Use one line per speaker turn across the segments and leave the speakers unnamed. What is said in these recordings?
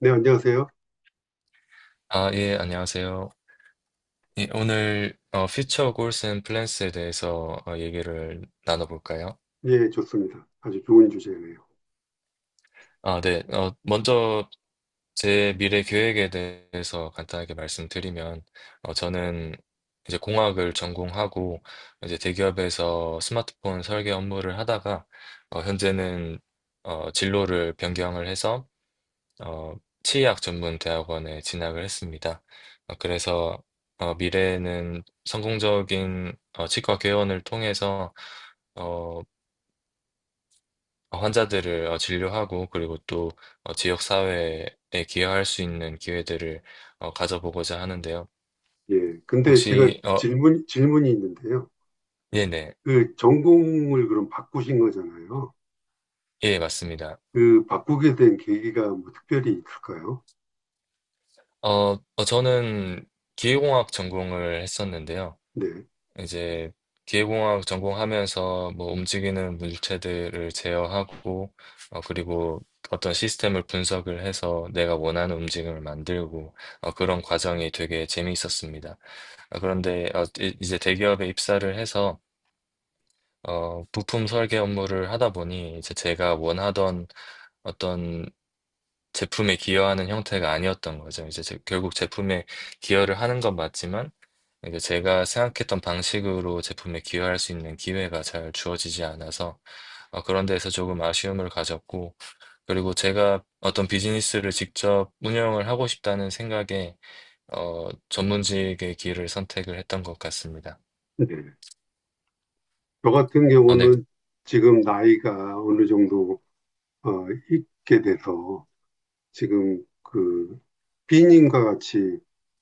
네, 안녕하세요.
아, 예, 안녕하세요. 예, 오늘 Future Goals and Plans에 대해서 얘기를 나눠볼까요?
예, 좋습니다. 아주 좋은 주제네요.
아, 네. 먼저 제 미래 계획에 대해서 간단하게 말씀드리면, 저는 이제 공학을 전공하고 이제 대기업에서 스마트폰 설계 업무를 하다가 현재는 진로를 변경을 해서 어, 치의학 전문 대학원에 진학을 했습니다. 그래서 미래에는 성공적인 치과 개원을 통해서 어, 환자들을 진료하고 그리고 또 지역 사회에 기여할 수 있는 기회들을 가져보고자 하는데요.
예, 근데 제가
혹시
질문이 있는데요.
네네.
그 전공을 그럼 바꾸신 거잖아요.
예, 맞습니다.
그 바꾸게 된 계기가 뭐 특별히 있을까요?
어, 저는 기계공학 전공을 했었는데요.
네,
이제 기계공학 전공하면서 뭐 움직이는 물체들을 제어하고 그리고 어떤 시스템을 분석을 해서 내가 원하는 움직임을 만들고 그런 과정이 되게 재미있었습니다. 그런데 이제 대기업에 입사를 해서 부품 설계 업무를 하다 보니 이제 제가 원하던 어떤 제품에 기여하는 형태가 아니었던 거죠. 이제 결국 제품에 기여를 하는 건 맞지만 이제 제가 생각했던 방식으로 제품에 기여할 수 있는 기회가 잘 주어지지 않아서 그런 데에서 조금 아쉬움을 가졌고 그리고 제가 어떤 비즈니스를 직접 운영을 하고 싶다는 생각에 전문직의 길을 선택을 했던 것 같습니다.
네. 저 같은
아, 네,
경우는 지금 나이가 어느 정도 있게 돼서 지금 그 B님과 같이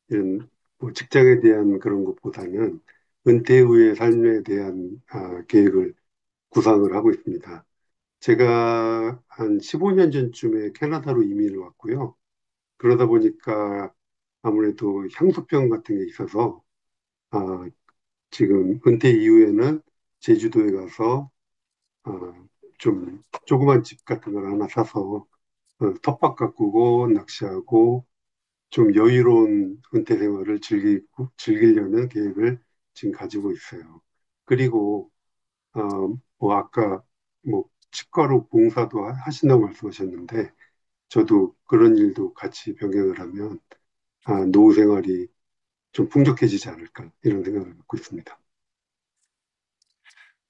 이런 뭐 직장에 대한 그런 것보다는 은퇴 후의 삶에 대한 아, 계획을 구상을 하고 있습니다. 제가 한 15년 전쯤에 캐나다로 이민을 왔고요. 그러다 보니까 아무래도 향수병 같은 게 있어서 아, 지금 은퇴 이후에는 제주도에 가서 아, 좀 조그만 집 같은 걸 하나 사서 텃밭 가꾸고 낚시하고 좀 여유로운 은퇴 생활을 즐기고 즐기려는 계획을 지금 가지고 있어요. 그리고 어, 뭐 아까 뭐 치과로 하신다고 말씀하셨는데 저도 그런 일도 같이 병행을 하면 아, 노후 생활이 좀 풍족해지지 않을까 이런 생각을 갖고 있습니다.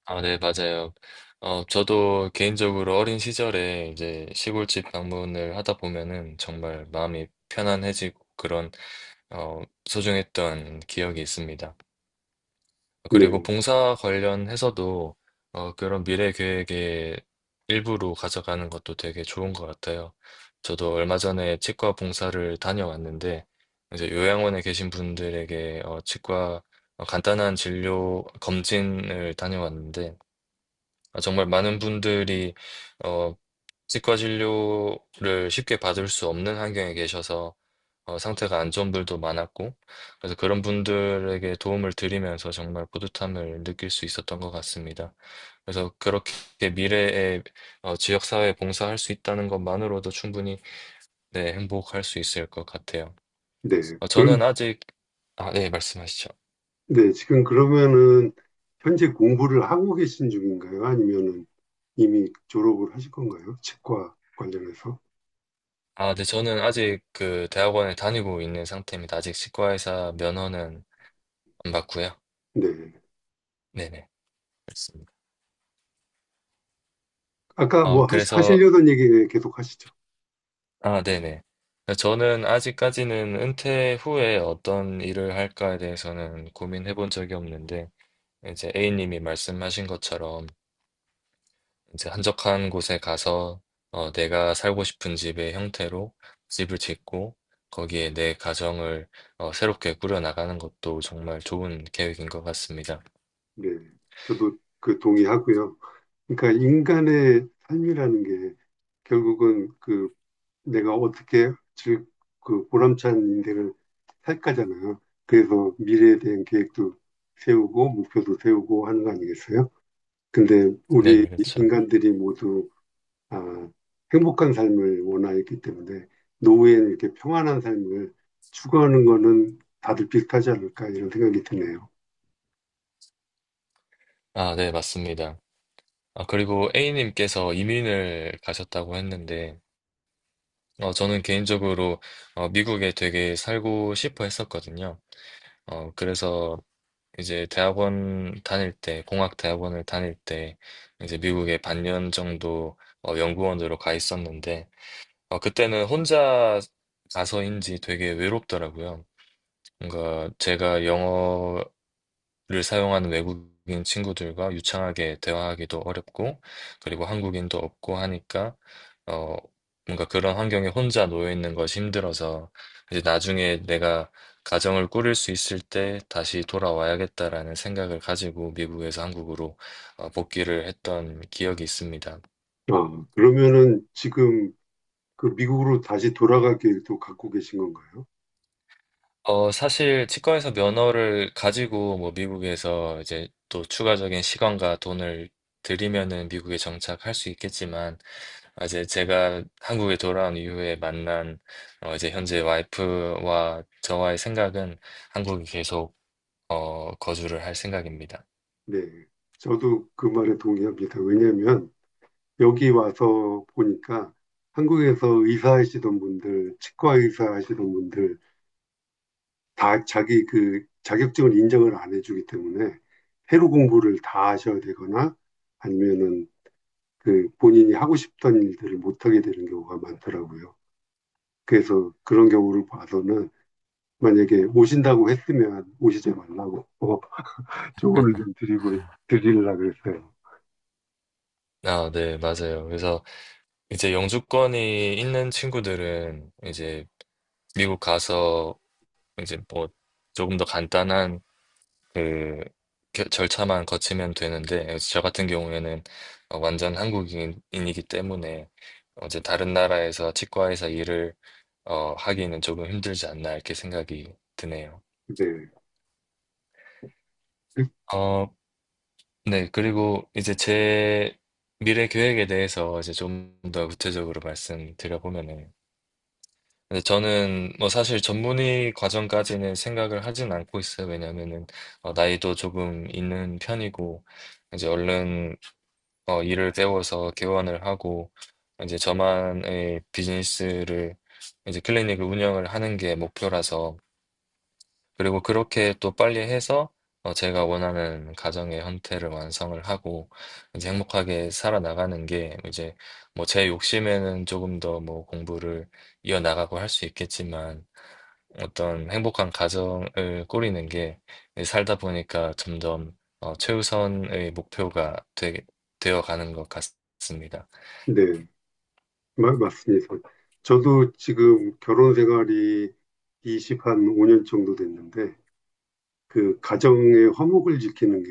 아, 네, 맞아요. 어, 저도 개인적으로 어린 시절에 이제 시골집 방문을 하다 보면은 정말 마음이 편안해지고 그런, 소중했던 기억이 있습니다.
네,
그리고 봉사 관련해서도, 그런 미래 계획의 일부로 가져가는 것도 되게 좋은 것 같아요. 저도 얼마 전에 치과 봉사를 다녀왔는데, 이제 요양원에 계신 분들에게, 어, 치과, 간단한 진료 검진을 다녀왔는데, 아, 정말 많은 분들이 어, 치과 진료를 쉽게 받을 수 없는 환경에 계셔서 상태가 안 좋은 분들도 많았고 그래서 그런 분들에게 도움을 드리면서 정말 뿌듯함을 느낄 수 있었던 것 같습니다. 그래서 그렇게 미래에 지역사회에 봉사할 수 있다는 것만으로도 충분히 네, 행복할 수 있을 것 같아요.
네.
어, 저는
그럼
아직 아, 네, 말씀하시죠.
네 지금 그러면은 현재 공부를 하고 계신 중인가요? 아니면은 이미 졸업을 하실 건가요? 치과 관련해서?
아, 네, 저는 아직 그 대학원에 다니고 있는 상태입니다. 아직 치과의사 면허는 안 받고요.
네.
네네. 알겠습니다.
아까 뭐
그래서,
하시려던 얘기 계속 하시죠.
아, 네네. 그러니까 저는 아직까지는 은퇴 후에 어떤 일을 할까에 대해서는 고민해 본 적이 없는데, 이제 A님이 말씀하신 것처럼, 이제 한적한 곳에 가서, 내가 살고 싶은 집의 형태로 집을 짓고, 거기에 내 가정을, 새롭게 꾸려나가는 것도 정말 좋은 계획인 것 같습니다.
네. 저도 그 동의하고요. 그러니까 인간의 삶이라는 게 결국은 그 내가 어떻게 즐, 그 보람찬 인생을 살까잖아요. 그래서 미래에 대한 계획도 세우고 목표도 세우고 하는 거 아니겠어요? 근데 우리
네네, 그렇죠.
인간들이 모두 아, 행복한 삶을 원하기 때문에 노후에는 이렇게 평안한 삶을 추구하는 거는 다들 비슷하지 않을까 이런 생각이 드네요.
아, 네, 맞습니다. 아, 그리고 A님께서 이민을 가셨다고 했는데, 저는 개인적으로 미국에 되게 살고 싶어 했었거든요. 그래서 이제 대학원 다닐 때, 공학 대학원을 다닐 때 이제 미국에 반년 정도 연구원으로 가 있었는데 그때는 혼자 가서인지 되게 외롭더라고요. 뭔가 제가 를 사용하는 외국인 친구들과 유창하게 대화하기도 어렵고, 그리고 한국인도 없고 하니까, 어, 뭔가 그런 환경에 혼자 놓여 있는 것이 힘들어서, 이제 나중에 내가 가정을 꾸릴 수 있을 때 다시 돌아와야겠다라는 생각을 가지고 미국에서 한국으로 복귀를 했던 기억이 있습니다.
아, 그러면은 지금 그 미국으로 다시 돌아갈 계획도 갖고 계신 건가요?
사실 치과에서 면허를 가지고 뭐 미국에서 이제 또 추가적인 시간과 돈을 들이면은 미국에 정착할 수 있겠지만, 아, 이제 제가 한국에 돌아온 이후에 만난 이제 현재 와이프와 저와의 생각은 한국에 계속 거주를 할 생각입니다.
네. 저도 그 말에 동의합니다. 왜냐하면 여기 와서 보니까 한국에서 의사 하시던 분들, 치과 의사 하시던 분들 다 자기 그 자격증을 인정을 안 해주기 때문에 해로 공부를 다 하셔야 되거나 아니면은 그 본인이 하고 싶던 일들을 못하게 되는 경우가 많더라고요. 그래서 그런 경우를 봐서는 만약에 오신다고 했으면 오시지 말라고 조언을 좀 드리고 드리려고 했어요.
아, 네, 맞아요. 그래서 이제 영주권이 있는 친구들은 이제 미국 가서 이제 뭐 조금 더 간단한 그 절차만 거치면 되는데 그래서 저 같은 경우에는 완전 한국인이기 때문에 이제 다른 나라에서 치과에서 일을 하기는 조금 힘들지 않나 이렇게 생각이 드네요.
네.
어, 네. 그리고 이제 제 미래 계획에 대해서 이제 좀 더 구체적으로 말씀드려보면은 근데 저는 뭐 사실 전문의 과정까지는 생각을 하진 않고 있어요. 왜냐면은 나이도 조금 있는 편이고 이제 얼른 일을 배워서 개원을 하고 이제 저만의 비즈니스를 이제 클리닉을 운영을 하는 게 목표라서 그리고 그렇게 또 빨리 해서 제가 원하는 가정의 형태를 완성을 하고 이제 행복하게 살아나가는 게 이제 뭐 제 욕심에는 조금 더 뭐 공부를 이어나가고 할 수 있겠지만 어떤 행복한 가정을 꾸리는 게 살다 보니까 점점 최우선의 목표가 되어 가는 것 같습니다.
네. 맞습니다. 저도 지금 결혼 생활이 20, 한 5년 정도 됐는데, 그 가정의 화목을 지키는 게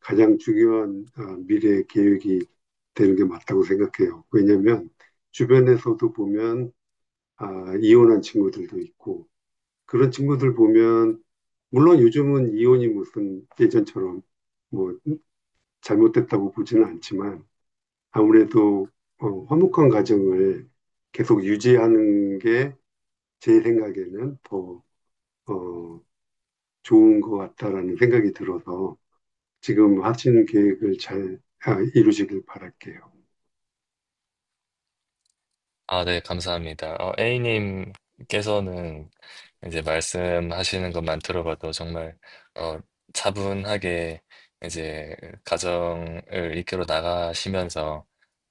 가장 중요한 아, 미래 계획이 되는 게 맞다고 생각해요. 왜냐면 하 주변에서도 보면 아, 이혼한 친구들도 있고, 그런 친구들 보면, 물론 요즘은 이혼이 무슨 예전처럼 뭐 잘못됐다고 보지는 않지만, 아무래도 화목한 가정을 계속 유지하는 게 제 생각에는 더 어, 좋은 것 같다라는 생각이 들어서 지금 하시는 계획을 잘 아, 이루시길 바랄게요.
아, 네, 감사합니다. 어, A님께서는 이제 말씀하시는 것만 들어봐도 정말 어, 차분하게 이제 가정을 이끌어 나가시면서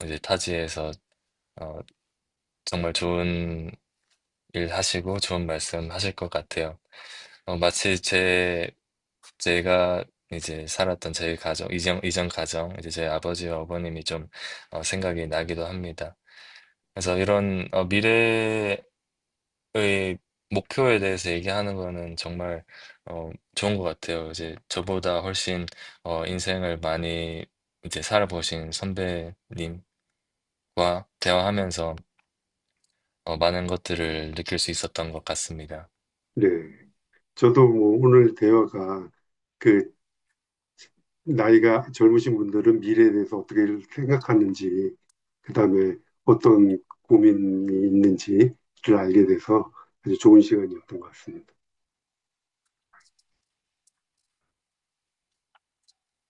이제 타지에서 어, 정말 좋은 일 하시고 좋은 말씀 하실 것 같아요. 마치 제 제가 이제 살았던 제 가정, 이전 가정, 이제 제 아버지와 어머님이 좀 생각이 나기도 합니다. 그래서 이런 미래 저의 목표에 대해서 얘기하는 거는 정말 어, 좋은 것 같아요. 이제 저보다 훨씬 인생을 많이 이제 살아보신 선배님과 대화하면서 많은 것들을 느낄 수 있었던 것 같습니다.
네. 저도 뭐 오늘 대화가 그 나이가 젊으신 분들은 미래에 대해서 어떻게 생각하는지, 그다음에 어떤 고민이 있는지를 알게 돼서 아주 좋은 시간이었던 것 같습니다.